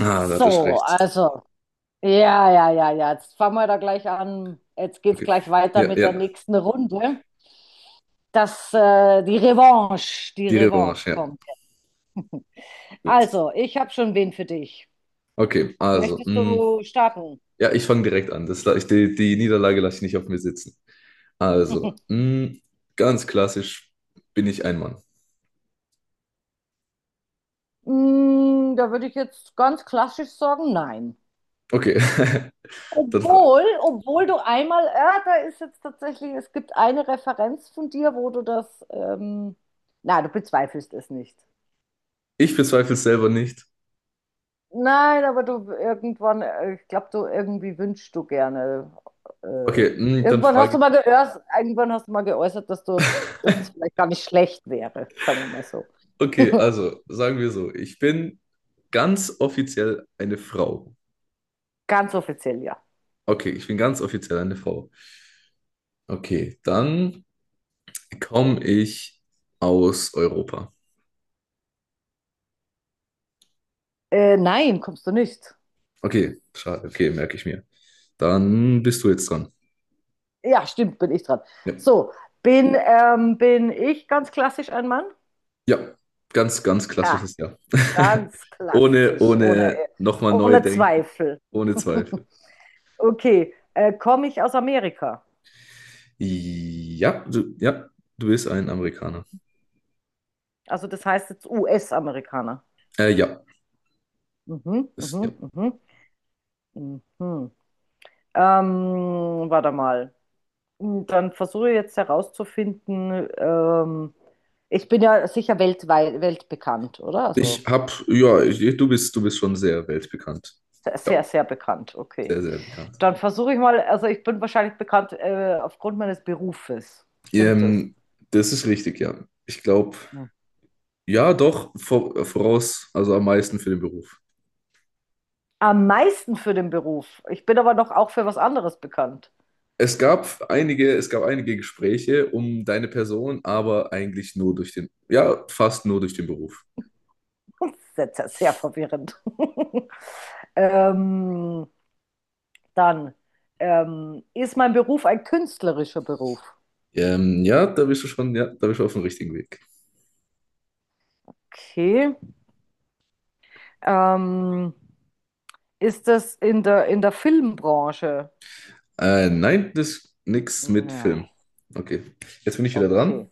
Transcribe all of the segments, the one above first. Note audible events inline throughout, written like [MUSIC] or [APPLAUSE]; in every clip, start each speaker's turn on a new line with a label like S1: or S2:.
S1: Ah, da
S2: So,
S1: hattest du recht.
S2: also, ja, ja, ja, ja. Jetzt fangen wir da gleich an. Jetzt geht's
S1: Okay.
S2: gleich weiter
S1: Ja,
S2: mit der
S1: ja.
S2: nächsten Runde. Die
S1: Die
S2: Revanche
S1: Revanche, ja.
S2: kommt.
S1: Gut.
S2: Also, ich habe schon wen für dich.
S1: Okay, also,
S2: Möchtest du starten?
S1: ja, ich fange direkt an. Die Niederlage lasse ich nicht auf mir sitzen. Also,
S2: [LAUGHS]
S1: ganz klassisch bin ich ein Mann.
S2: Mm, da würde ich jetzt ganz klassisch sagen, nein.
S1: Okay, [LAUGHS] dann frage
S2: Obwohl du einmal, ja, da ist jetzt tatsächlich, es gibt eine Referenz von dir, wo du na, du bezweifelst es nicht.
S1: ich. Bezweifle es selber nicht.
S2: Nein, aber ich glaube, du irgendwie wünschst du gerne. Äh,
S1: Okay, dann
S2: Irgendwann hast
S1: frage
S2: du
S1: ich.
S2: mal geäußert, dass dass das vielleicht gar nicht schlecht wäre, sagen wir mal so.
S1: Okay,
S2: [LAUGHS]
S1: also, sagen wir so, ich bin ganz offiziell eine Frau.
S2: Ganz offiziell, ja.
S1: Okay, ich bin ganz offiziell eine Frau. Okay, dann komme ich aus Europa.
S2: Nein, kommst du nicht.
S1: Okay, schade. Okay, merke ich mir. Dann bist du jetzt dran.
S2: Ja, stimmt, bin ich dran.
S1: Ja,
S2: So, bin ich ganz klassisch ein Mann?
S1: ja, ganz, ganz
S2: Ja,
S1: klassisches Ja. [LAUGHS]
S2: ganz
S1: Ohne,
S2: klassisch, ohne,
S1: ohne nochmal neu
S2: ohne
S1: denken.
S2: Zweifel.
S1: Ohne Zweifel.
S2: [LAUGHS] Okay, komme ich aus Amerika?
S1: Ja, ja, du bist ein Amerikaner.
S2: Also das heißt jetzt US-Amerikaner.
S1: Ja,
S2: Mhm,
S1: ist, ja.
S2: mhm, mhm, mhm. Warte mal. Hm, dann versuche ich jetzt herauszufinden, ich bin ja sicher weltweit, weltbekannt, oder?
S1: Ich
S2: Also
S1: hab, ja, du bist schon sehr weltbekannt.
S2: sehr,
S1: Ja,
S2: sehr, sehr bekannt, okay.
S1: sehr, sehr bekannt.
S2: Dann versuche ich mal, also ich bin wahrscheinlich bekannt, aufgrund meines Berufes. Stimmt das?
S1: Ähm, Das ist richtig, ja. Ich glaube,
S2: Hm.
S1: ja, doch, voraus, also am meisten für den Beruf.
S2: Am meisten für den Beruf. Ich bin aber noch auch für was anderes bekannt.
S1: Es gab einige Gespräche um deine Person, aber eigentlich nur durch den, ja, fast nur durch den Beruf.
S2: Sehr, sehr, sehr verwirrend. [LAUGHS] ähm, Dann ist mein Beruf ein künstlerischer Beruf.
S1: Ja, da bist du schon, ja, da bist du auf dem richtigen Weg.
S2: Okay. Ähm, Ist das in der Filmbranche?
S1: Nein, das ist nix mit Film.
S2: Nein.
S1: Okay, jetzt bin ich wieder
S2: Okay.
S1: dran.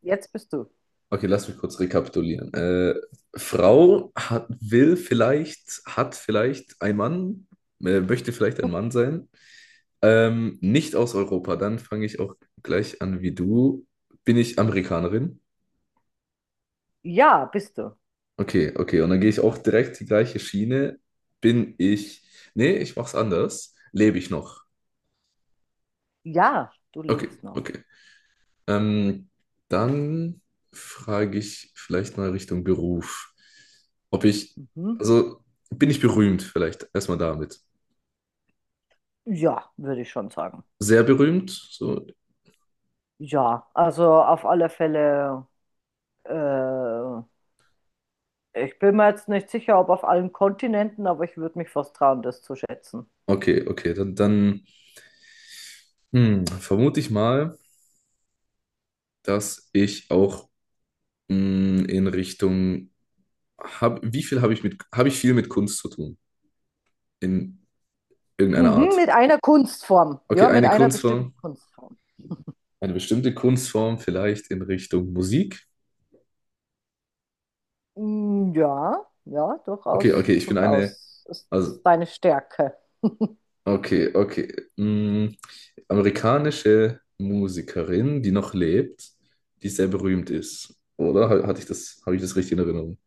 S2: Jetzt bist du.
S1: Okay, lass mich kurz rekapitulieren. Frau hat, will vielleicht, hat vielleicht ein Mann, möchte vielleicht ein Mann sein. Nicht aus Europa, dann fange ich auch gleich an wie du. Bin ich Amerikanerin?
S2: Ja, bist du.
S1: Okay, okay. Und dann gehe ich auch direkt die gleiche Schiene. Bin ich. Nee, ich mach's anders. Lebe ich noch?
S2: Ja, du
S1: Okay,
S2: lebst noch.
S1: okay. Ähm, Dann frage ich vielleicht mal Richtung Beruf. Ob ich.
S2: Mhm.
S1: Also, bin ich berühmt vielleicht? Erstmal damit.
S2: Ja, würde ich schon sagen.
S1: Sehr berühmt? So.
S2: Ja, also auf alle Fälle. Äh, Ich bin mir jetzt nicht sicher, ob auf allen Kontinenten, aber ich würde mich fast trauen, das zu schätzen.
S1: Okay, okay. Dann, dann, vermute ich mal, dass ich auch, in Richtung. Hab, wie viel habe ich mit. Habe ich viel mit Kunst zu tun? In irgendeiner
S2: Mhm,
S1: Art.
S2: mit einer Kunstform.
S1: Okay,
S2: Ja, mit
S1: eine
S2: einer bestimmten
S1: Kunstform,
S2: Kunstform.
S1: eine bestimmte Kunstform vielleicht in Richtung Musik.
S2: Mm, ja, ja,
S1: Okay,
S2: durchaus,
S1: okay, ich bin eine,
S2: durchaus. Das ist
S1: also,
S2: deine Stärke.
S1: okay, okay. mm, amerikanische Musikerin, die noch lebt, die sehr berühmt ist. Oder hatte ich das, habe ich das richtig in Erinnerung?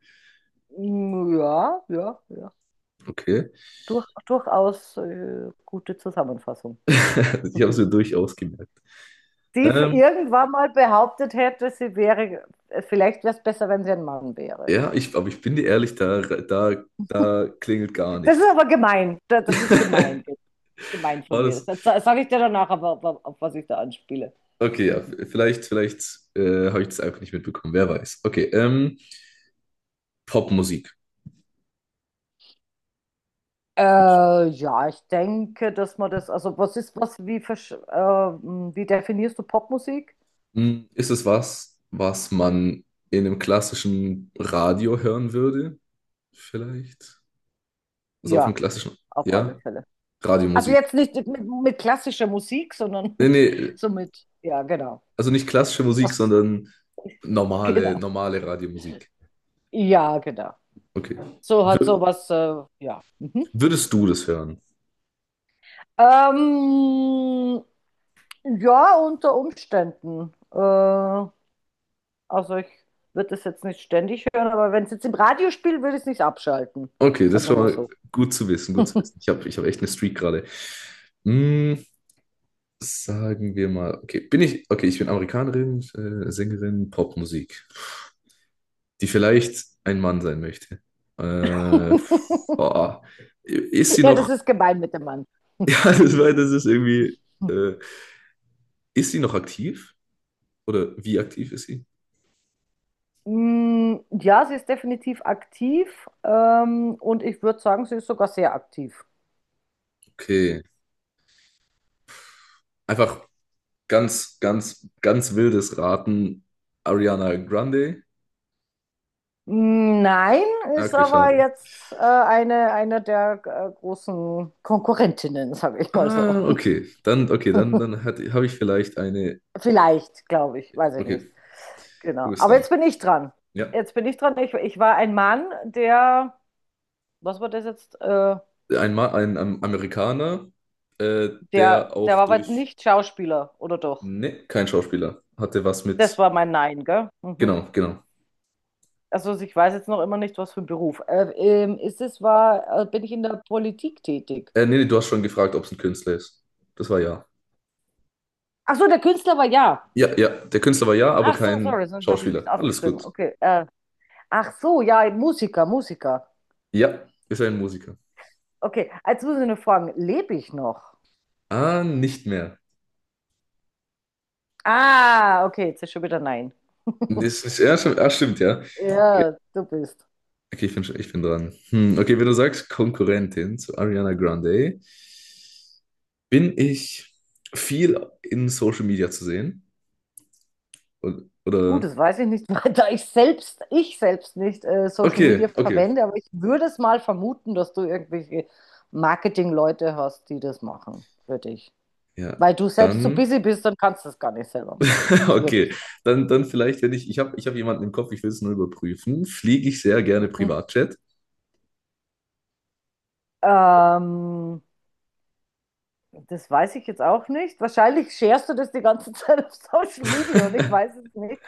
S2: Mm, ja, ja, ja.
S1: Okay.
S2: Durch, durchaus gute Zusammenfassung.
S1: [LAUGHS] Ich habe es mir
S2: [LAUGHS]
S1: durchaus gemerkt.
S2: Die für
S1: Ähm,
S2: irgendwann mal behauptet hätte, sie wäre, vielleicht wäre es besser, wenn sie ein Mann wäre.
S1: ja, ich, aber ich bin dir ehrlich, da klingelt gar
S2: Das ist
S1: nichts.
S2: aber gemein. Da- das ist gemein.
S1: [LAUGHS]
S2: Das ist gemein von
S1: War
S2: mir.
S1: das?
S2: Das sage ich dir danach, aber auf was ich da anspiele.
S1: Okay, ja, vielleicht, vielleicht habe ich das einfach nicht mitbekommen, wer weiß. Okay, Popmusik.
S2: Ja, ich denke, dass man das, also was ist, was, wie, versch- wie definierst du Popmusik?
S1: Ist es was, was man in einem klassischen Radio hören würde? Vielleicht? Also auf einem
S2: Ja,
S1: klassischen,
S2: auf alle
S1: ja?
S2: Fälle. Also
S1: Radiomusik.
S2: jetzt nicht mit klassischer Musik, sondern
S1: Nee,
S2: [LAUGHS]
S1: nee,
S2: so mit, ja, genau.
S1: also nicht klassische Musik,
S2: Was,
S1: sondern
S2: [LAUGHS]
S1: normale,
S2: genau.
S1: normale Radiomusik.
S2: Ja, genau.
S1: Okay.
S2: So hat
S1: Wür-
S2: sowas, ja. Mhm.
S1: würdest du das hören?
S2: Ähm, ja, unter Umständen. Also ich würde das jetzt nicht ständig hören, aber wenn es jetzt im Radio spielt, würde ich es nicht abschalten.
S1: Okay, das
S2: Sagen
S1: ist
S2: wir
S1: schon
S2: mal
S1: mal
S2: so.
S1: gut zu wissen, gut zu wissen.
S2: [LAUGHS]
S1: Ich habe, ich hab echt eine Streak gerade. Hm, sagen wir mal, okay, bin ich, okay, ich bin Amerikanerin, Sängerin, Popmusik, die vielleicht ein Mann sein möchte. Äh,
S2: [LAUGHS]
S1: Boah. Ist sie
S2: Ja, das
S1: noch,
S2: ist gemein mit dem Mann.
S1: [LAUGHS] ja, das, war, das ist irgendwie, äh, ist sie noch aktiv? Oder wie aktiv ist sie?
S2: Mm, ja, sie ist definitiv aktiv und ich würde sagen, sie ist sogar sehr aktiv.
S1: Okay. Einfach ganz, ganz, ganz wildes Raten. Ariana Grande?
S2: Mm, nein,
S1: Ah,
S2: ist
S1: okay,
S2: aber
S1: schade.
S2: jetzt eine der großen Konkurrentinnen, sage ich mal so.
S1: Ah,
S2: [LAUGHS]
S1: okay. Dann, okay, dann, dann habe ich vielleicht eine.
S2: Vielleicht, glaube ich, weiß ich nicht.
S1: Okay, du
S2: Genau.
S1: bist
S2: Aber
S1: dran.
S2: jetzt bin ich dran.
S1: Ja.
S2: Jetzt bin ich dran. Ich war ein Mann, was war das jetzt?
S1: Ein, Ma, ein Amerikaner, äh, der
S2: Der
S1: auch
S2: war aber
S1: durch.
S2: nicht Schauspieler, oder doch?
S1: Ne, kein Schauspieler. Hatte was
S2: Das
S1: mit.
S2: war mein Nein, gell? Mhm.
S1: Genau, genau.
S2: Also ich weiß jetzt noch immer nicht, was für ein Beruf. Bin ich in der Politik tätig?
S1: Nee, nee, du hast schon gefragt, ob es ein Künstler ist. Das war ja.
S2: Ach so, der Künstler war ja.
S1: Ja, ja, der Künstler war ja, aber
S2: Ach so,
S1: kein
S2: sorry, sonst habe ich nichts
S1: Schauspieler. Alles
S2: aufgeschrieben.
S1: gut.
S2: Okay. Ach so, ja, Musiker, Musiker.
S1: Ja, ist ein Musiker.
S2: Okay, jetzt muss ich nur fragen, lebe ich noch?
S1: Ah, nicht mehr.
S2: Ah, okay, jetzt ist schon wieder nein. [LAUGHS]
S1: Das ist, ja, stimmt, ah, stimmt, ja. Okay,
S2: Ja, du bist.
S1: okay, ich bin, ich bin dran. Okay, wenn du sagst Konkurrentin zu Ariana Grande, bin ich viel in Social Media zu sehen? Und,
S2: Gut,
S1: oder?
S2: das weiß ich nicht, [LAUGHS] weil ich selbst nicht Social Media
S1: Okay, okay.
S2: verwende, aber ich würde es mal vermuten, dass du irgendwelche Marketing-Leute hast, die das machen für dich.
S1: Ja,
S2: Weil du selbst zu
S1: dann.
S2: busy bist, dann kannst du das gar nicht selber machen.
S1: [LAUGHS]
S2: Das würde
S1: Okay,
S2: ich
S1: dann, dann vielleicht, wenn ich, ich habe, ich hab jemanden im Kopf, ich will es nur überprüfen, fliege ich sehr gerne
S2: sagen.
S1: Privatjet.
S2: Ähm, Das weiß ich jetzt auch nicht. Wahrscheinlich scherst du das die ganze [LAUGHS] Zeit auf Social Media und ich weiß
S1: [LAUGHS]
S2: es nicht.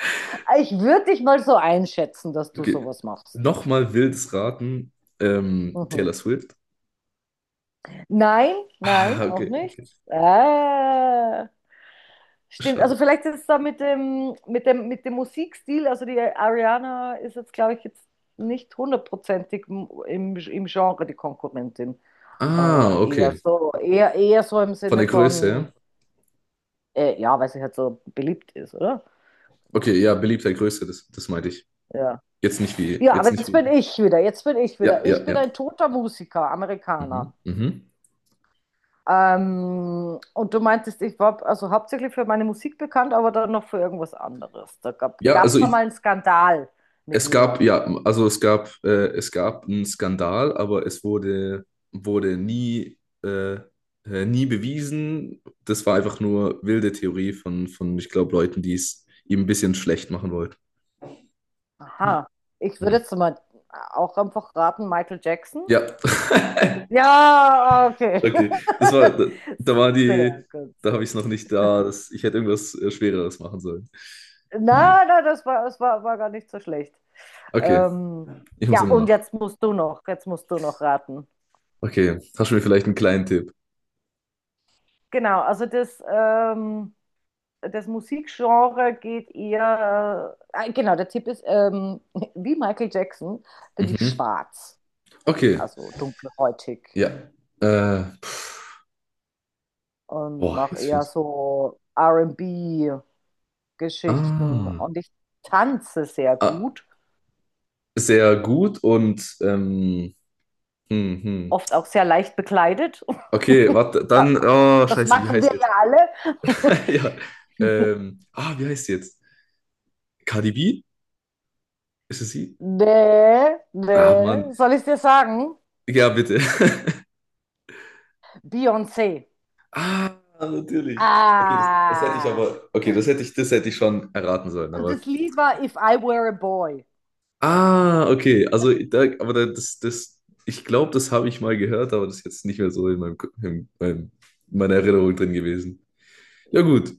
S2: Ich würde dich mal so einschätzen, dass du
S1: Okay.
S2: sowas machst.
S1: Nochmal wildes Raten,
S2: Mhm.
S1: Taylor Swift.
S2: Nein,
S1: Ah,
S2: nein, auch
S1: okay,
S2: nicht.
S1: okay,
S2: Ah, stimmt. Also
S1: schade.
S2: vielleicht ist es da mit dem, mit dem Musikstil, also die Ariana ist jetzt, glaube ich, jetzt nicht hundertprozentig im, im Genre die Konkurrentin.
S1: Ah,
S2: Eher
S1: okay,
S2: so, eher, eher so im
S1: von
S2: Sinne
S1: der Größe
S2: von,
S1: her.
S2: ja, weil sie halt so beliebt ist, oder? Genau.
S1: Okay, ja, beliebter Größe, das, das meinte ich.
S2: Ja.
S1: Jetzt nicht wie,
S2: Ja, aber
S1: jetzt nicht
S2: jetzt bin
S1: wie.
S2: ich wieder, jetzt bin ich
S1: Ja,
S2: wieder.
S1: ja,
S2: Ich
S1: ja.
S2: bin ein toter Musiker,
S1: Mhm,
S2: Amerikaner.
S1: mhm.
S2: Und du meintest, ich war also hauptsächlich für meine Musik bekannt, aber dann noch für irgendwas anderes. Da gab
S1: Ja, also
S2: es da
S1: ich,
S2: mal einen Skandal mit
S1: Es gab,
S2: mir.
S1: ja, also es gab einen Skandal, aber es wurde, wurde nie, nie bewiesen. Das war einfach nur wilde Theorie von, ich glaube, Leuten, die es ihm ein bisschen schlecht machen wollten.
S2: Aha. Ich würde
S1: Mhm.
S2: jetzt mal auch einfach raten, Michael Jackson.
S1: Ja,
S2: Ja,
S1: [LAUGHS]
S2: okay.
S1: okay. Das war, da, da war
S2: [LAUGHS]
S1: die,
S2: Sehr gut,
S1: da habe
S2: sehr
S1: ich es
S2: gut.
S1: noch nicht da. Das, ich hätte irgendwas Schwereres machen sollen. Ja.
S2: Na, na, war gar nicht so schlecht.
S1: Okay,
S2: Ähm,
S1: ich muss
S2: ja,
S1: immer
S2: und
S1: noch.
S2: jetzt musst du noch, jetzt musst du noch raten.
S1: Okay, hast du mir vielleicht einen kleinen Tipp?
S2: Genau, das Musikgenre geht eher, genau, der Tipp ist [LAUGHS] wie Michael Jackson bin ich
S1: Mhm.
S2: schwarz,
S1: Okay,
S2: also dunkelhäutig
S1: ja. Äh,
S2: und
S1: Boah,
S2: mache
S1: jetzt
S2: eher
S1: fehlt.
S2: so R&B-Geschichten und B-Geschichten
S1: Ah.
S2: und ich tanze sehr
S1: Ah,
S2: gut,
S1: sehr gut und hm, hm.
S2: oft auch sehr leicht bekleidet.
S1: Okay,
S2: [LAUGHS]
S1: warte,
S2: Ja,
S1: dann, oh,
S2: das
S1: scheiße, wie
S2: machen
S1: heißt
S2: wir
S1: sie
S2: ja
S1: jetzt? [LAUGHS]
S2: alle.
S1: Ja, ah, wie heißt sie jetzt? Cardi B? Ist es
S2: [LAUGHS]
S1: sie?
S2: Nee,
S1: Ah, Mann.
S2: nee, soll ich dir sagen?
S1: Ja, bitte. [LAUGHS]
S2: Beyoncé.
S1: Ah, natürlich. Okay, das, das hätte ich
S2: Ah.
S1: aber, okay, das hätte ich schon erraten sollen,
S2: Und
S1: aber,
S2: das Lied war If I Were a Boy.
S1: ah, okay, also, da, aber das, das, ich glaube, das habe ich mal gehört, aber das ist jetzt nicht mehr so in meinem, in meinem, in meiner Erinnerung drin gewesen. Ja, gut,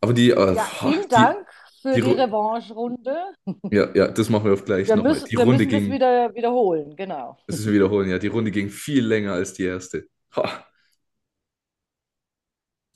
S1: aber die,
S2: Ja,
S1: boah,
S2: vielen
S1: die,
S2: Dank für
S1: die,
S2: die
S1: Ru-
S2: Revanche-Runde.
S1: ja, ja, das machen wir auf gleich nochmal. Die
S2: Wir
S1: Runde
S2: müssen das
S1: ging,
S2: wieder wiederholen, genau.
S1: das ist, wir wiederholen, ja, die Runde ging viel länger als die erste. Ha.